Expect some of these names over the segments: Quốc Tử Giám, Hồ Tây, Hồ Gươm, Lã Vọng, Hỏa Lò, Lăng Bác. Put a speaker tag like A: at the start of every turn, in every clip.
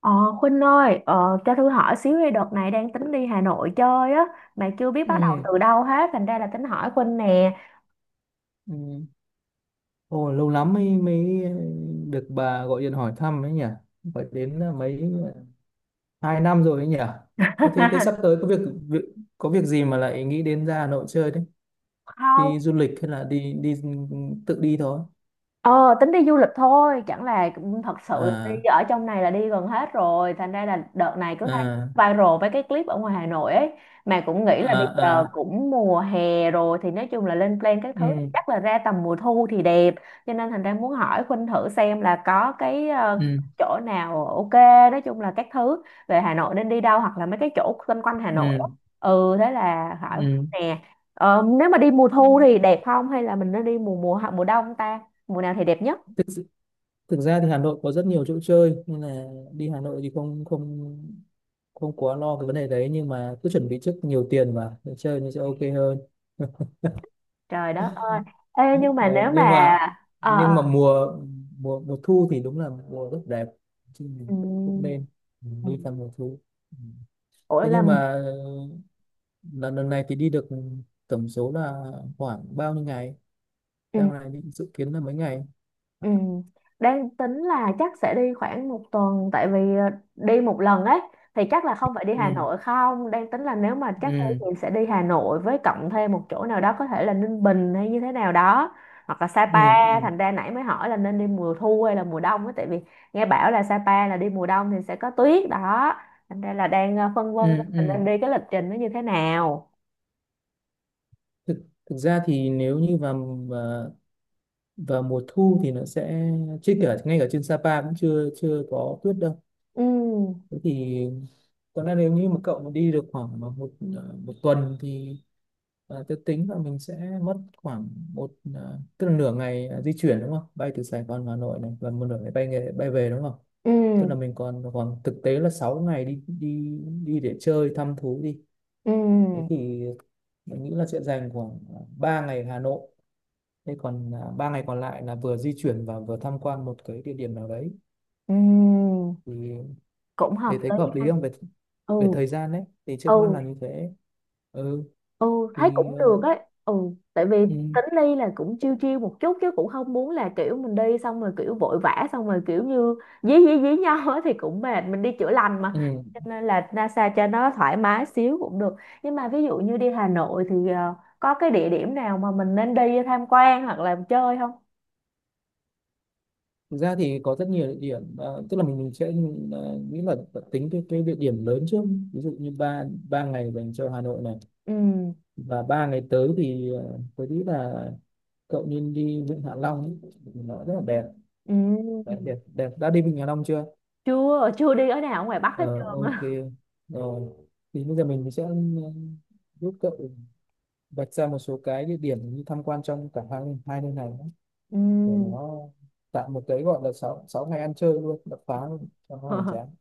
A: Ờ, Khuynh ơi, cho Thư hỏi xíu đi, đợt này đang tính đi Hà Nội chơi á, mà chưa biết bắt đầu
B: Ừ.
A: từ đâu hết, thành ra là tính hỏi Khuynh nè.
B: Ừ. Ồ, lâu lắm mới mới được bà gọi điện hỏi thăm ấy nhỉ. Phải đến là mấy à, 2 năm rồi ấy nhỉ. Có Thế thế sắp tới có việc, việc có việc gì mà lại nghĩ đến ra Hà Nội chơi đấy?
A: Không.
B: Đi du lịch hay là đi đi tự đi thôi?
A: Ờ, Tính đi du lịch thôi, chẳng là thật sự là đi
B: À
A: ở trong này là đi gần hết rồi, thành ra là đợt này cứ thấy
B: à
A: viral với cái clip ở ngoài Hà Nội ấy, mà cũng nghĩ là
B: à
A: bây giờ
B: à.
A: cũng mùa hè rồi thì nói chung là lên plan các thứ
B: Ừ.
A: chắc là ra tầm mùa thu thì đẹp, cho nên thành ra muốn hỏi Khuynh thử xem là có cái
B: Ừ.
A: chỗ nào ok, nói chung là các thứ về Hà Nội nên đi đâu hoặc là mấy cái chỗ quanh quanh Hà Nội á.
B: Ừ.
A: Ừ, thế là hỏi
B: Ừ.
A: Khuynh nè. Nếu mà đi mùa thu thì đẹp không hay là mình nên đi mùa mùa mùa đông ta? Mùa nào thì đẹp nhất?
B: Tức thực ra thì Hà Nội có rất nhiều chỗ chơi nên là đi Hà Nội thì không không không quá lo cái vấn đề đấy, nhưng mà cứ chuẩn bị trước nhiều tiền mà để chơi nó sẽ ok hơn.
A: Trời đất ơi, ê nhưng mà
B: Rồi,
A: nếu mà... ờ
B: nhưng
A: ờ,
B: mà mùa mùa mùa thu thì đúng là mùa rất đẹp, chứ mình cũng cũng
A: ừm,
B: nên đi
A: ừm.
B: vào mùa thu. Ừ.
A: Ủa
B: Thế
A: là...
B: nhưng mà lần lần này thì đi được tổng số là khoảng bao nhiêu ngày, đang này định dự kiến là mấy ngày?
A: Ừ. Đang tính là chắc sẽ đi khoảng một tuần, tại vì đi một lần ấy thì chắc là không phải đi Hà
B: Ừ
A: Nội không, đang tính là nếu mà chắc đi
B: ừ
A: thì sẽ đi Hà Nội với cộng thêm một chỗ nào đó, có thể là Ninh Bình hay như thế nào đó, hoặc là
B: ừ
A: Sapa.
B: ừ
A: Thành ra nãy mới hỏi là nên đi mùa thu hay là mùa đông ấy, tại vì nghe bảo là Sapa là đi mùa đông thì sẽ có tuyết đó, thành ra là đang phân vân xem
B: ừ
A: là
B: ừ.
A: nên đi cái lịch trình nó như thế nào.
B: thực Thực ra thì nếu như vào vào, vào mùa thu thì nó sẽ, chứ cả ngay cả trên Sapa cũng chưa chưa có tuyết đâu.
A: Ừ,
B: Thế thì còn là nếu như mà cậu mà đi được khoảng mà 1 tuần thì tôi tính là mình sẽ mất khoảng tức là nửa ngày di chuyển đúng không, bay từ Sài Gòn vào Hà Nội này, và một nửa ngày bay nghề, bay về đúng không. Tức là
A: ừ,
B: mình còn khoảng thực tế là 6 ngày đi đi đi để chơi thăm thú đi. Thế
A: ừ,
B: thì mình nghĩ là sẽ dành khoảng 3 ngày Hà Nội. Thế còn 3 ngày còn lại là vừa di chuyển và vừa tham quan một cái địa điểm nào đấy,
A: ừ.
B: thì
A: Cũng hợp
B: thế thấy có
A: lý
B: hợp lý
A: ha.
B: không? Về
A: Ừ,
B: về thời gian đấy thì trước mắt
A: ừ,
B: là như thế. Ừ
A: ừ. Thấy
B: thì
A: cũng được ấy. Ừ, tại vì
B: ừ,
A: tính đi là cũng chiêu chiêu một chút chứ cũng không muốn là kiểu mình đi xong rồi kiểu vội vã xong rồi kiểu như dí dí dí nhau á thì cũng mệt, mình đi chữa lành
B: ừ.
A: mà, cho nên là NASA cho nó thoải mái xíu cũng được. Nhưng mà ví dụ như đi Hà Nội thì có cái địa điểm nào mà mình nên đi tham quan hoặc là chơi không?
B: Thực ra thì có rất nhiều địa điểm, tức là mình sẽ nghĩ là tính cái địa điểm lớn trước. Ví dụ như ba ba ngày dành cho Hà Nội này,
A: Ừ,
B: và 3 ngày tới thì tôi nghĩ là cậu nên đi Vịnh Hạ Long ấy. Nó rất là đẹp,
A: ừ.
B: đẹp. Đã đi Vịnh Hạ Long chưa?
A: Chưa chưa đi ở nào ở ngoài Bắc hết
B: Ờ,
A: trơn
B: ok,
A: á.
B: rồi thì bây giờ mình sẽ giúp cậu vạch ra một số cái địa điểm như tham quan trong cả hai hai nơi này nhé. Để nó tạo một cái gọi là sáu sáu ngày ăn chơi luôn đập phá luôn cho nó hoành
A: Ừ.
B: tráng.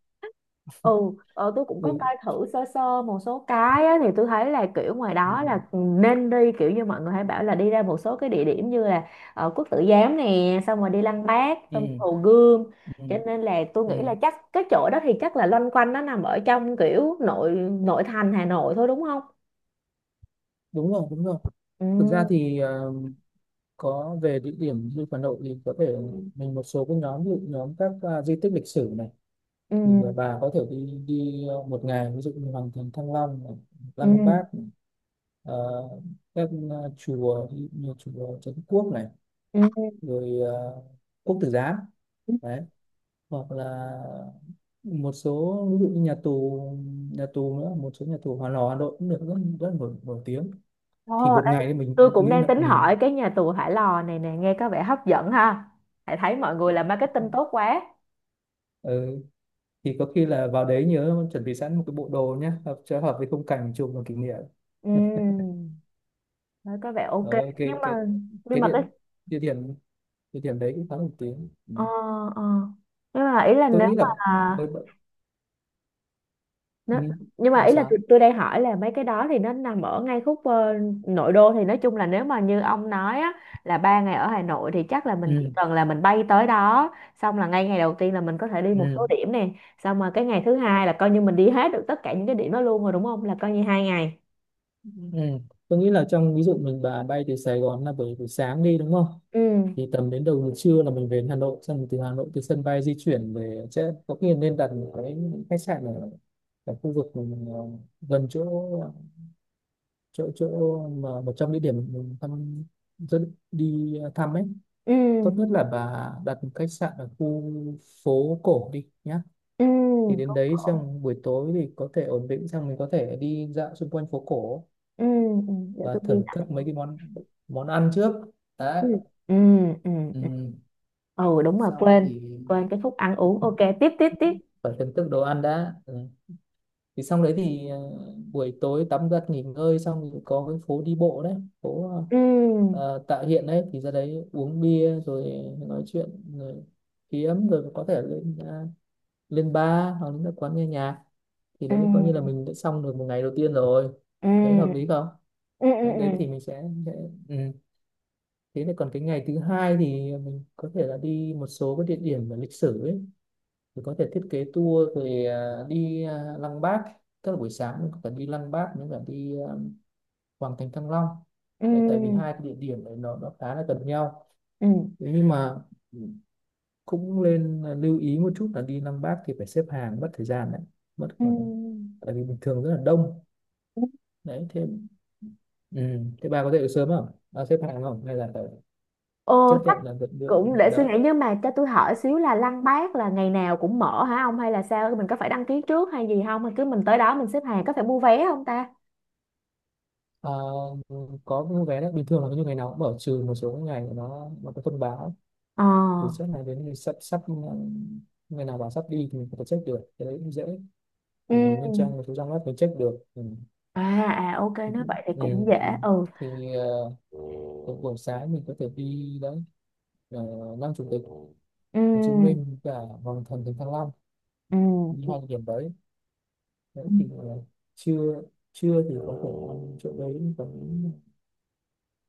A: Ừ. Tôi cũng có
B: Ừ.
A: coi thử sơ sơ một số cái á, thì tôi thấy là kiểu ngoài
B: Ừ.
A: đó là nên đi kiểu như mọi người hay bảo là đi ra một số cái địa điểm như là Quốc Tử Giám nè, xong rồi đi Lăng Bác, xong
B: Ừ.
A: Hồ Gươm,
B: Ừ.
A: cho nên là tôi nghĩ
B: Ừ.
A: là chắc cái chỗ đó thì chắc là loanh quanh nó nằm ở trong kiểu nội nội thành Hà Nội thôi đúng không?
B: Đúng rồi đúng rồi.
A: Ừ,
B: Thực ra thì có về địa điểm du lịch Hà Nội thì có thể mình một số cái nhóm, ví dụ nhóm các di tích lịch sử này, thì
A: ừ,
B: bà có thể đi đi 1 ngày ví dụ như Hoàng thành Thăng Long này,
A: ừ,
B: Lăng Bác, ờ, các chùa ví dụ như chùa Trấn Quốc này,
A: ừ.
B: rồi Quốc Tử Giám đấy, hoặc là một số ví dụ như nhà tù nữa, một số nhà tù Hòa Lò Hà Nội cũng được, rất rất nổi, nổi tiếng. Thì
A: Ồ,
B: 1 ngày thì
A: tôi
B: mình
A: cũng
B: nghĩ
A: đang
B: là
A: tính hỏi cái nhà tù Hỏa Lò này nè, nghe có vẻ hấp dẫn ha, hãy thấy mọi người làm marketing tốt quá.
B: ừ, thì có khi là vào đấy nhớ chuẩn bị sẵn một cái bộ đồ nhé, hợp hợp với khung cảnh chụp làm kỷ niệm,
A: Ừ. Đấy, có vẻ ok.
B: ở
A: Nhưng mà...
B: cái địa
A: cái...
B: địa điểm địa điểm đấy cũng khá nổi tiếng. Ừ.
A: ờ ờ nhưng mà ý là
B: Tôi
A: nếu
B: nghĩ
A: mà
B: là với ừ.
A: nó... nhưng mà
B: Làm
A: ý là tôi,
B: sao.
A: tôi đang hỏi là mấy cái đó thì nó nằm ở ngay khúc nội đô, thì nói chung là nếu mà như ông nói á, là 3 ngày ở Hà Nội thì chắc là mình chỉ
B: Ừ.
A: cần là mình bay tới đó, xong là ngay ngày đầu tiên là mình có thể đi một
B: Ừ.
A: số điểm nè, xong rồi cái ngày thứ hai là coi như mình đi hết được tất cả những cái điểm đó luôn rồi đúng không, là coi như 2 ngày.
B: Ừ. Tôi nghĩ là trong ví dụ mình bà bay từ Sài Gòn là buổi buổi sáng đi đúng không?
A: Ừ,
B: Thì tầm đến đầu giờ trưa là mình về đến Hà Nội, xong rồi từ Hà Nội từ sân bay di chuyển về sẽ có khi nên đặt một cái khách sạn ở khu vực mình, gần chỗ chỗ chỗ mà một trong địa điểm mình thăm, rất đi thăm ấy.
A: ừ,
B: Tốt nhất là bà đặt một khách sạn ở khu phố cổ đi nhá.
A: ừ.
B: Thì đến
A: Cũng
B: đấy
A: khổ.
B: xong buổi tối thì có thể ổn định xong mình có thể đi dạo xung quanh phố cổ
A: Ừ. Ừ, để
B: và
A: tôi ghi
B: thưởng
A: lại.
B: thức mấy cái món món ăn trước
A: Ừ,
B: đã.
A: ừ, ừ, ừ.
B: Ừ.
A: Ừ, đúng rồi,
B: Xong
A: quên,
B: thì
A: quên cái khúc ăn uống, ok, tiếp tiếp tiếp.
B: phải thưởng thức đồ ăn đã. Ừ. Thì xong đấy thì buổi tối tắm giặt nghỉ ngơi xong thì có cái phố đi bộ đấy, phố
A: Ừ,
B: Tạ Hiện đấy, thì ra đấy uống bia rồi nói chuyện, rồi kiếm rồi có thể lên lên bar hoặc là các quán nghe nhạc, thì
A: ừ,
B: đấy coi như là mình đã xong được một ngày đầu tiên rồi. Thấy hợp
A: ừ,
B: lý không?
A: ừ,
B: Đấy, đấy
A: ừ,
B: thì mình sẽ ừ. thế này còn cái ngày thứ hai thì mình có thể là đi một số cái địa điểm về lịch sử ấy, thì có thể thiết kế tour về đi Lăng Bác. Tức là buổi sáng mình có thể đi Lăng Bác nếu cả đi Hoàng Thành Thăng Long.
A: ừ,
B: Đấy, tại vì hai cái địa điểm này nó khá là gần nhau.
A: ừ,
B: Thế nhưng mà cũng nên lưu ý một chút là đi Lăng Bác thì phải xếp hàng mất thời gian đấy, mất khoảng,
A: ừ,
B: tại vì bình thường rất là đông.
A: ừ.
B: Đấy thế ừ. Thế bà có dậy được sớm không, bà xếp hàng không hay là phải
A: Ờ,
B: chấp
A: chắc
B: nhận là đợi đợi
A: cũng
B: đợi
A: để suy
B: đợi?
A: nghĩ, nhưng mà cho tôi hỏi xíu là Lăng Bác là ngày nào cũng mở hả ông hay là sao, mình có phải đăng ký trước hay gì không, hay cứ mình tới đó mình xếp hàng, có phải mua vé không ta?
B: Ờ, có mua vé đấy, bình thường là như ngày nào cũng mở, trừ một số cái ngày nó có thông báo
A: Ờ.
B: từ trước này, đến thì sắp sắp ừ, ngày nào bảo sắp đi thì mình có thể check được, cái đấy cũng dễ,
A: Ừ.
B: mình lên trang một số trang web mình check được. Ừ.
A: À, à ok,
B: Ừ.
A: nói vậy thì cũng dễ.
B: Ừ.
A: Ừ,
B: Thì ờ, buổi sáng mình có thể đi đấy, Lăng Chủ tịch Hồ Chí
A: ừ,
B: Minh và Hoàng Thành Thánh Thăng Long,
A: ừ,
B: đi
A: ừ.
B: hai địa điểm đấy.
A: Ừ.
B: Đấy thì trưa trưa thì có thể ăn chỗ đấy, còn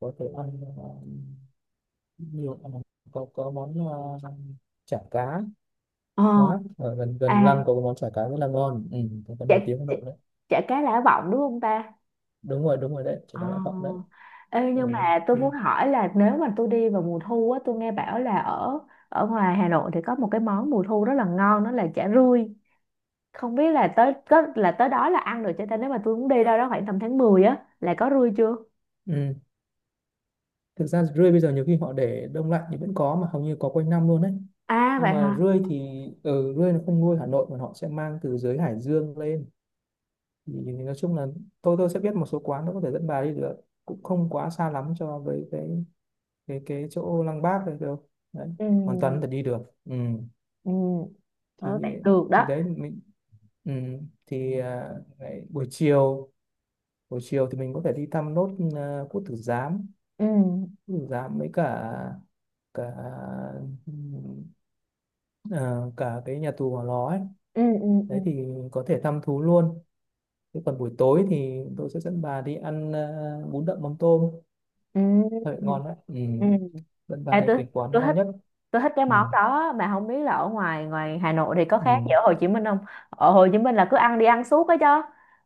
B: có thể ăn uh, nhiều có món chả cá
A: ờ
B: ngon lắm, ở gần
A: à
B: gần lăng có cái món chả cá rất là ngon, ừ, có cái
A: chả
B: nổi tiếng Hà
A: chả
B: Nội đấy.
A: chả cá Lã Vọng đúng không ta?
B: Đúng rồi đúng rồi, đấy chả
A: Ờ.
B: cá Lã Vọng đấy.
A: Ê, nhưng
B: Ừ,
A: mà tôi
B: thì,
A: muốn hỏi là nếu mà tôi đi vào mùa thu á, tôi nghe bảo là ở ở ngoài Hà Nội thì có một cái món mùa thu rất là ngon, đó là chả rươi. Không biết là tới có là tới đó là ăn được cho ta, nếu mà tôi muốn đi đâu đó khoảng tầm tháng 10 á là có rươi chưa?
B: ừ. Thực ra rươi bây giờ nhiều khi họ để đông lạnh thì vẫn có, mà hầu như có quanh năm luôn đấy.
A: À
B: Nhưng
A: vậy
B: mà
A: hả?
B: rươi thì ừ, rươi nó không nuôi Hà Nội mà họ sẽ mang từ dưới Hải Dương lên. Thì nói chung là tôi sẽ biết một số quán, nó có thể dẫn bà đi được, cũng không quá xa lắm cho với cái chỗ Lăng Bác này đâu. Đấy,
A: Ừ,
B: hoàn toàn có thể đi được. Ừ.
A: ừ. Ờ,
B: thì
A: vậy được
B: thì
A: đó.
B: đấy mình ừ, thì à, Lại buổi chiều, buổi chiều thì mình có thể đi thăm nốt Quốc Tử Giám,
A: Ừ,
B: Với cả cả ừ, à, cả cái nhà tù Hỏa Lò ấy.
A: ừ, ừ, ừ,
B: Đấy thì có thể thăm thú luôn. Thế còn buổi tối thì tôi sẽ dẫn bà đi ăn bún đậm mắm tôm
A: ừ,
B: thật ngon đấy. Ừ.
A: ừ.
B: Dẫn bà
A: Ê,
B: đến cái quán
A: tôi
B: ngon
A: thích
B: nhất.
A: tôi thích cái
B: Ừ.
A: món đó, mà không biết là ở ngoài ngoài Hà Nội thì có khác
B: Ừ.
A: gì ở Hồ Chí Minh không? Ở Hồ Chí Minh là cứ ăn đi ăn suốt ấy chứ,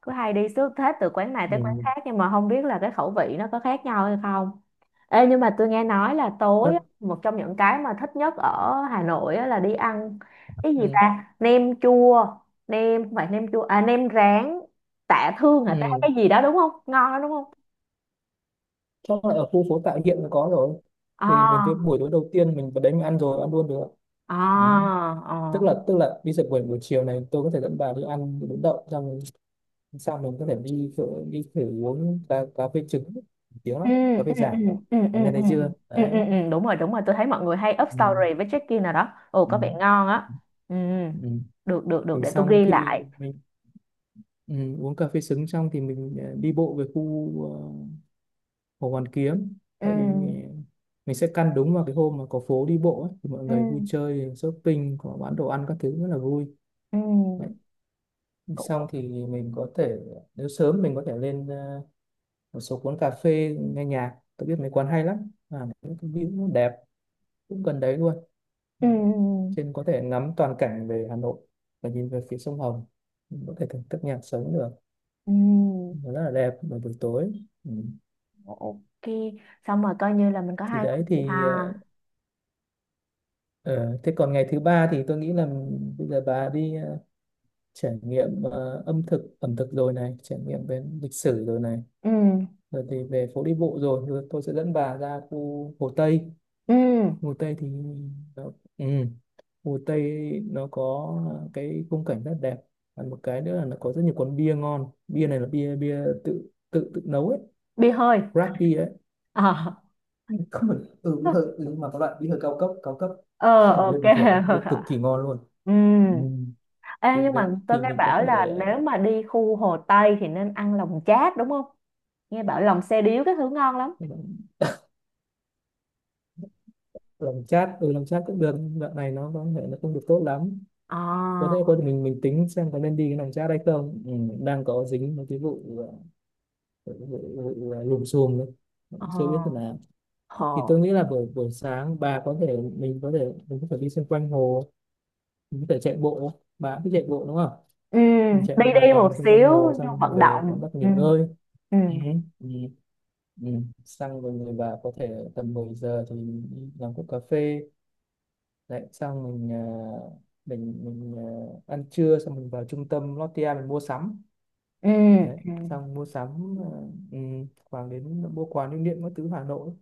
A: cứ hay đi suốt hết từ quán này tới quán
B: Ừ.
A: khác, nhưng mà không biết là cái khẩu vị nó có khác nhau hay không. Ê, nhưng mà tôi nghe nói là tối
B: Rất
A: á, một trong những cái mà thích nhất ở Hà Nội á là đi ăn cái gì
B: ừ.
A: ta? Nem chua... nem, không phải nem chua, à nem rán. Tạ Thương hả ta, cái
B: Ừ.
A: gì đó đúng không? Ngon đó đúng không?
B: Chắc là ở khu phố Tạ Hiện có rồi, thì mình
A: À,
B: cái buổi tối đầu tiên mình vào đấy mình ăn luôn được.
A: à,
B: Ừ.
A: à.
B: Tức là đi dậy buổi buổi chiều này tôi có thể dẫn bà đi ăn bún đậu, xong sau mình có thể đi thử uống cà phê trứng tiếng
A: Ừ,
B: lắm, cà phê
A: ừ, ừ,
B: Giảng ấy.
A: ừ, ừ, ừ,
B: Bà nghe
A: ừ,
B: thấy chưa
A: ừ.
B: đấy.
A: Ừ, ừ, đúng rồi đúng rồi, tôi thấy mọi người hay up
B: Ừ.
A: story với check-in nào đó, ồ
B: Ừ.
A: có vẻ ngon á. Ừ.
B: Ừ.
A: Được được được,
B: Thì
A: để tôi
B: xong
A: ghi lại.
B: khi mình ừ, uống cà phê trứng xong thì mình đi bộ về khu Hồ Hoàn Kiếm,
A: Ừ,
B: tại vì mình sẽ căn đúng vào cái hôm mà có phố đi bộ ấy, thì mọi
A: ừ,
B: người vui chơi shopping, có bán đồ ăn các thứ rất là vui. Đấy.
A: ừ. Cũng...
B: Xong thì mình có thể, nếu sớm mình có thể lên một số quán cà phê nghe nhạc, tôi biết mấy quán hay lắm, những cái view nó đẹp, cũng gần đấy luôn. Đấy.
A: ừ,
B: Trên có thể ngắm toàn cảnh về Hà Nội và nhìn về phía sông Hồng, mình có thể thưởng thức nhạc sống được,
A: ừ,
B: nó rất là đẹp vào buổi tối. Ừ.
A: ok. Xong rồi coi như là mình có
B: thì
A: 2 ngày
B: đấy
A: vậy ha.
B: thì ờ, Ờ, thế còn ngày thứ ba thì tôi nghĩ là bây giờ bà đi trải nghiệm ờ, âm thực ẩm thực rồi này, trải nghiệm về lịch sử rồi này,
A: Ừ,
B: rồi thì về phố đi bộ rồi, rồi tôi sẽ dẫn bà ra khu Hồ Tây.
A: ừ.
B: Hồ Tây thì nó, ừ, Hồ Tây nó có cái khung cảnh rất đẹp, và một cái nữa là nó có rất nhiều quán bia ngon, bia này là bia bia tự tự tự nấu ấy,
A: Bia hơi.
B: craft bia ấy,
A: Ờ.
B: không phải ừ, bí thư, ừ, nhưng mà có loại bia thư cao cấp,
A: Ờ
B: ở bên
A: ok.
B: bình thường, bia cực kỳ ngon luôn.
A: Ừ.
B: Ừ.
A: Ê, nhưng mà tôi
B: Thì
A: nghe
B: mình có
A: bảo
B: thể
A: là nếu mà đi khu Hồ Tây thì nên ăn lòng chát đúng không? Nghe bảo lòng xe điếu cái thứ ngon lắm.
B: ờ, làm chat, ừ làm chat cũng được, đoạn này nó có thể nó không được tốt lắm.
A: Ờ.
B: Có thể mình tính xem có nên đi cái làm chat hay không, ừ, đang có dính một cái vụ ờ, vụ, vụ, vụ ờ, lùm xùm đấy. Cũng chưa biết thế
A: Ờ,
B: nào. Thì
A: hồ.
B: tôi nghĩ là buổi buổi sáng bà có thể mình có thể đi xung quanh hồ, mình có thể chạy bộ, bà cũng thích chạy bộ đúng không.
A: Ừ.
B: Mình chạy một
A: Đi
B: vài
A: đi một
B: vòng xung quanh hồ
A: xíu cho
B: xong mình
A: vận
B: về tắm
A: động.
B: bắt nghỉ
A: Ừ,
B: ngơi.
A: ừ,
B: Ừ. Ừ. Ừ. Xong rồi người bà có thể tầm 10 giờ thì đi làm cốc cà phê. Đấy, xong mình ăn trưa xong mình vào trung tâm Lotte mình mua sắm.
A: ừ,
B: Đấy,
A: ừ,
B: xong mua sắm ừ, khoảng đến mua quà lưu niệm các thứ Hà Nội,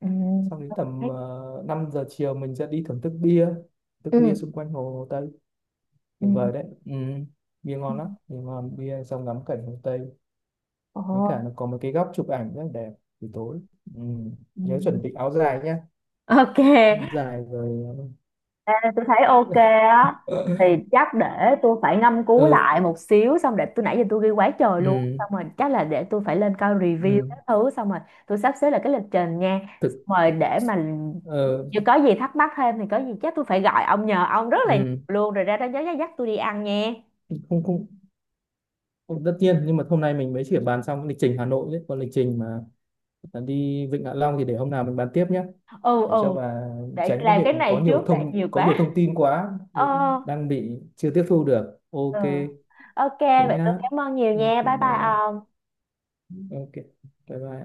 A: ừ,
B: xong đến tầm 5 giờ chiều mình sẽ đi thưởng thức bia,
A: ừ,
B: xung quanh Hồ Tây,
A: ừ.
B: tuyệt vời đấy. Ừ. Bia
A: Ừ.
B: ngon lắm, bia ngon bia xong ngắm cảnh Hồ Tây, với cả
A: Ồ.
B: nó có một cái góc chụp ảnh rất là đẹp buổi tối. Ừ.
A: Ừ.
B: Nhớ chuẩn bị áo dài nhé,
A: Ok,
B: áo dài rồi.
A: tôi thấy ok á, thì
B: ờ,
A: chắc để tôi phải ngâm cứu
B: ừ.
A: lại một xíu, xong để tôi, nãy giờ tôi ghi quá trời luôn,
B: Ừ.
A: xong rồi chắc là để tôi phải lên coi review
B: ừ,
A: các thứ, xong rồi tôi sắp xếp lại cái lịch trình nha,
B: Thực
A: xong rồi để mà
B: ờ,
A: nếu có gì thắc mắc thêm thì có gì chắc tôi phải gọi ông nhờ ông rất là nhiều
B: ừ.
A: luôn, rồi ra đó nhớ dắt tôi đi ăn nha.
B: không không không tất nhiên, nhưng mà hôm nay mình mới chỉ bàn xong cái lịch trình Hà Nội đấy, còn lịch trình mà đi Vịnh Hạ Long thì để hôm nào mình bàn tiếp nhé,
A: Ừ,
B: để cho
A: ừ.
B: bà
A: Để
B: tránh cái
A: làm
B: việc
A: cái
B: mà
A: này trước, để nhiều
B: có nhiều
A: quá.
B: thông tin quá,
A: Ờ.
B: vì đang bị chưa tiếp thu được. Ok,
A: Ừ. Ok
B: thế
A: vậy tôi
B: nhá.
A: cảm ơn nhiều
B: Ok,
A: nha, bye
B: bye
A: bye
B: bye.
A: ông.
B: Ok, bye bye.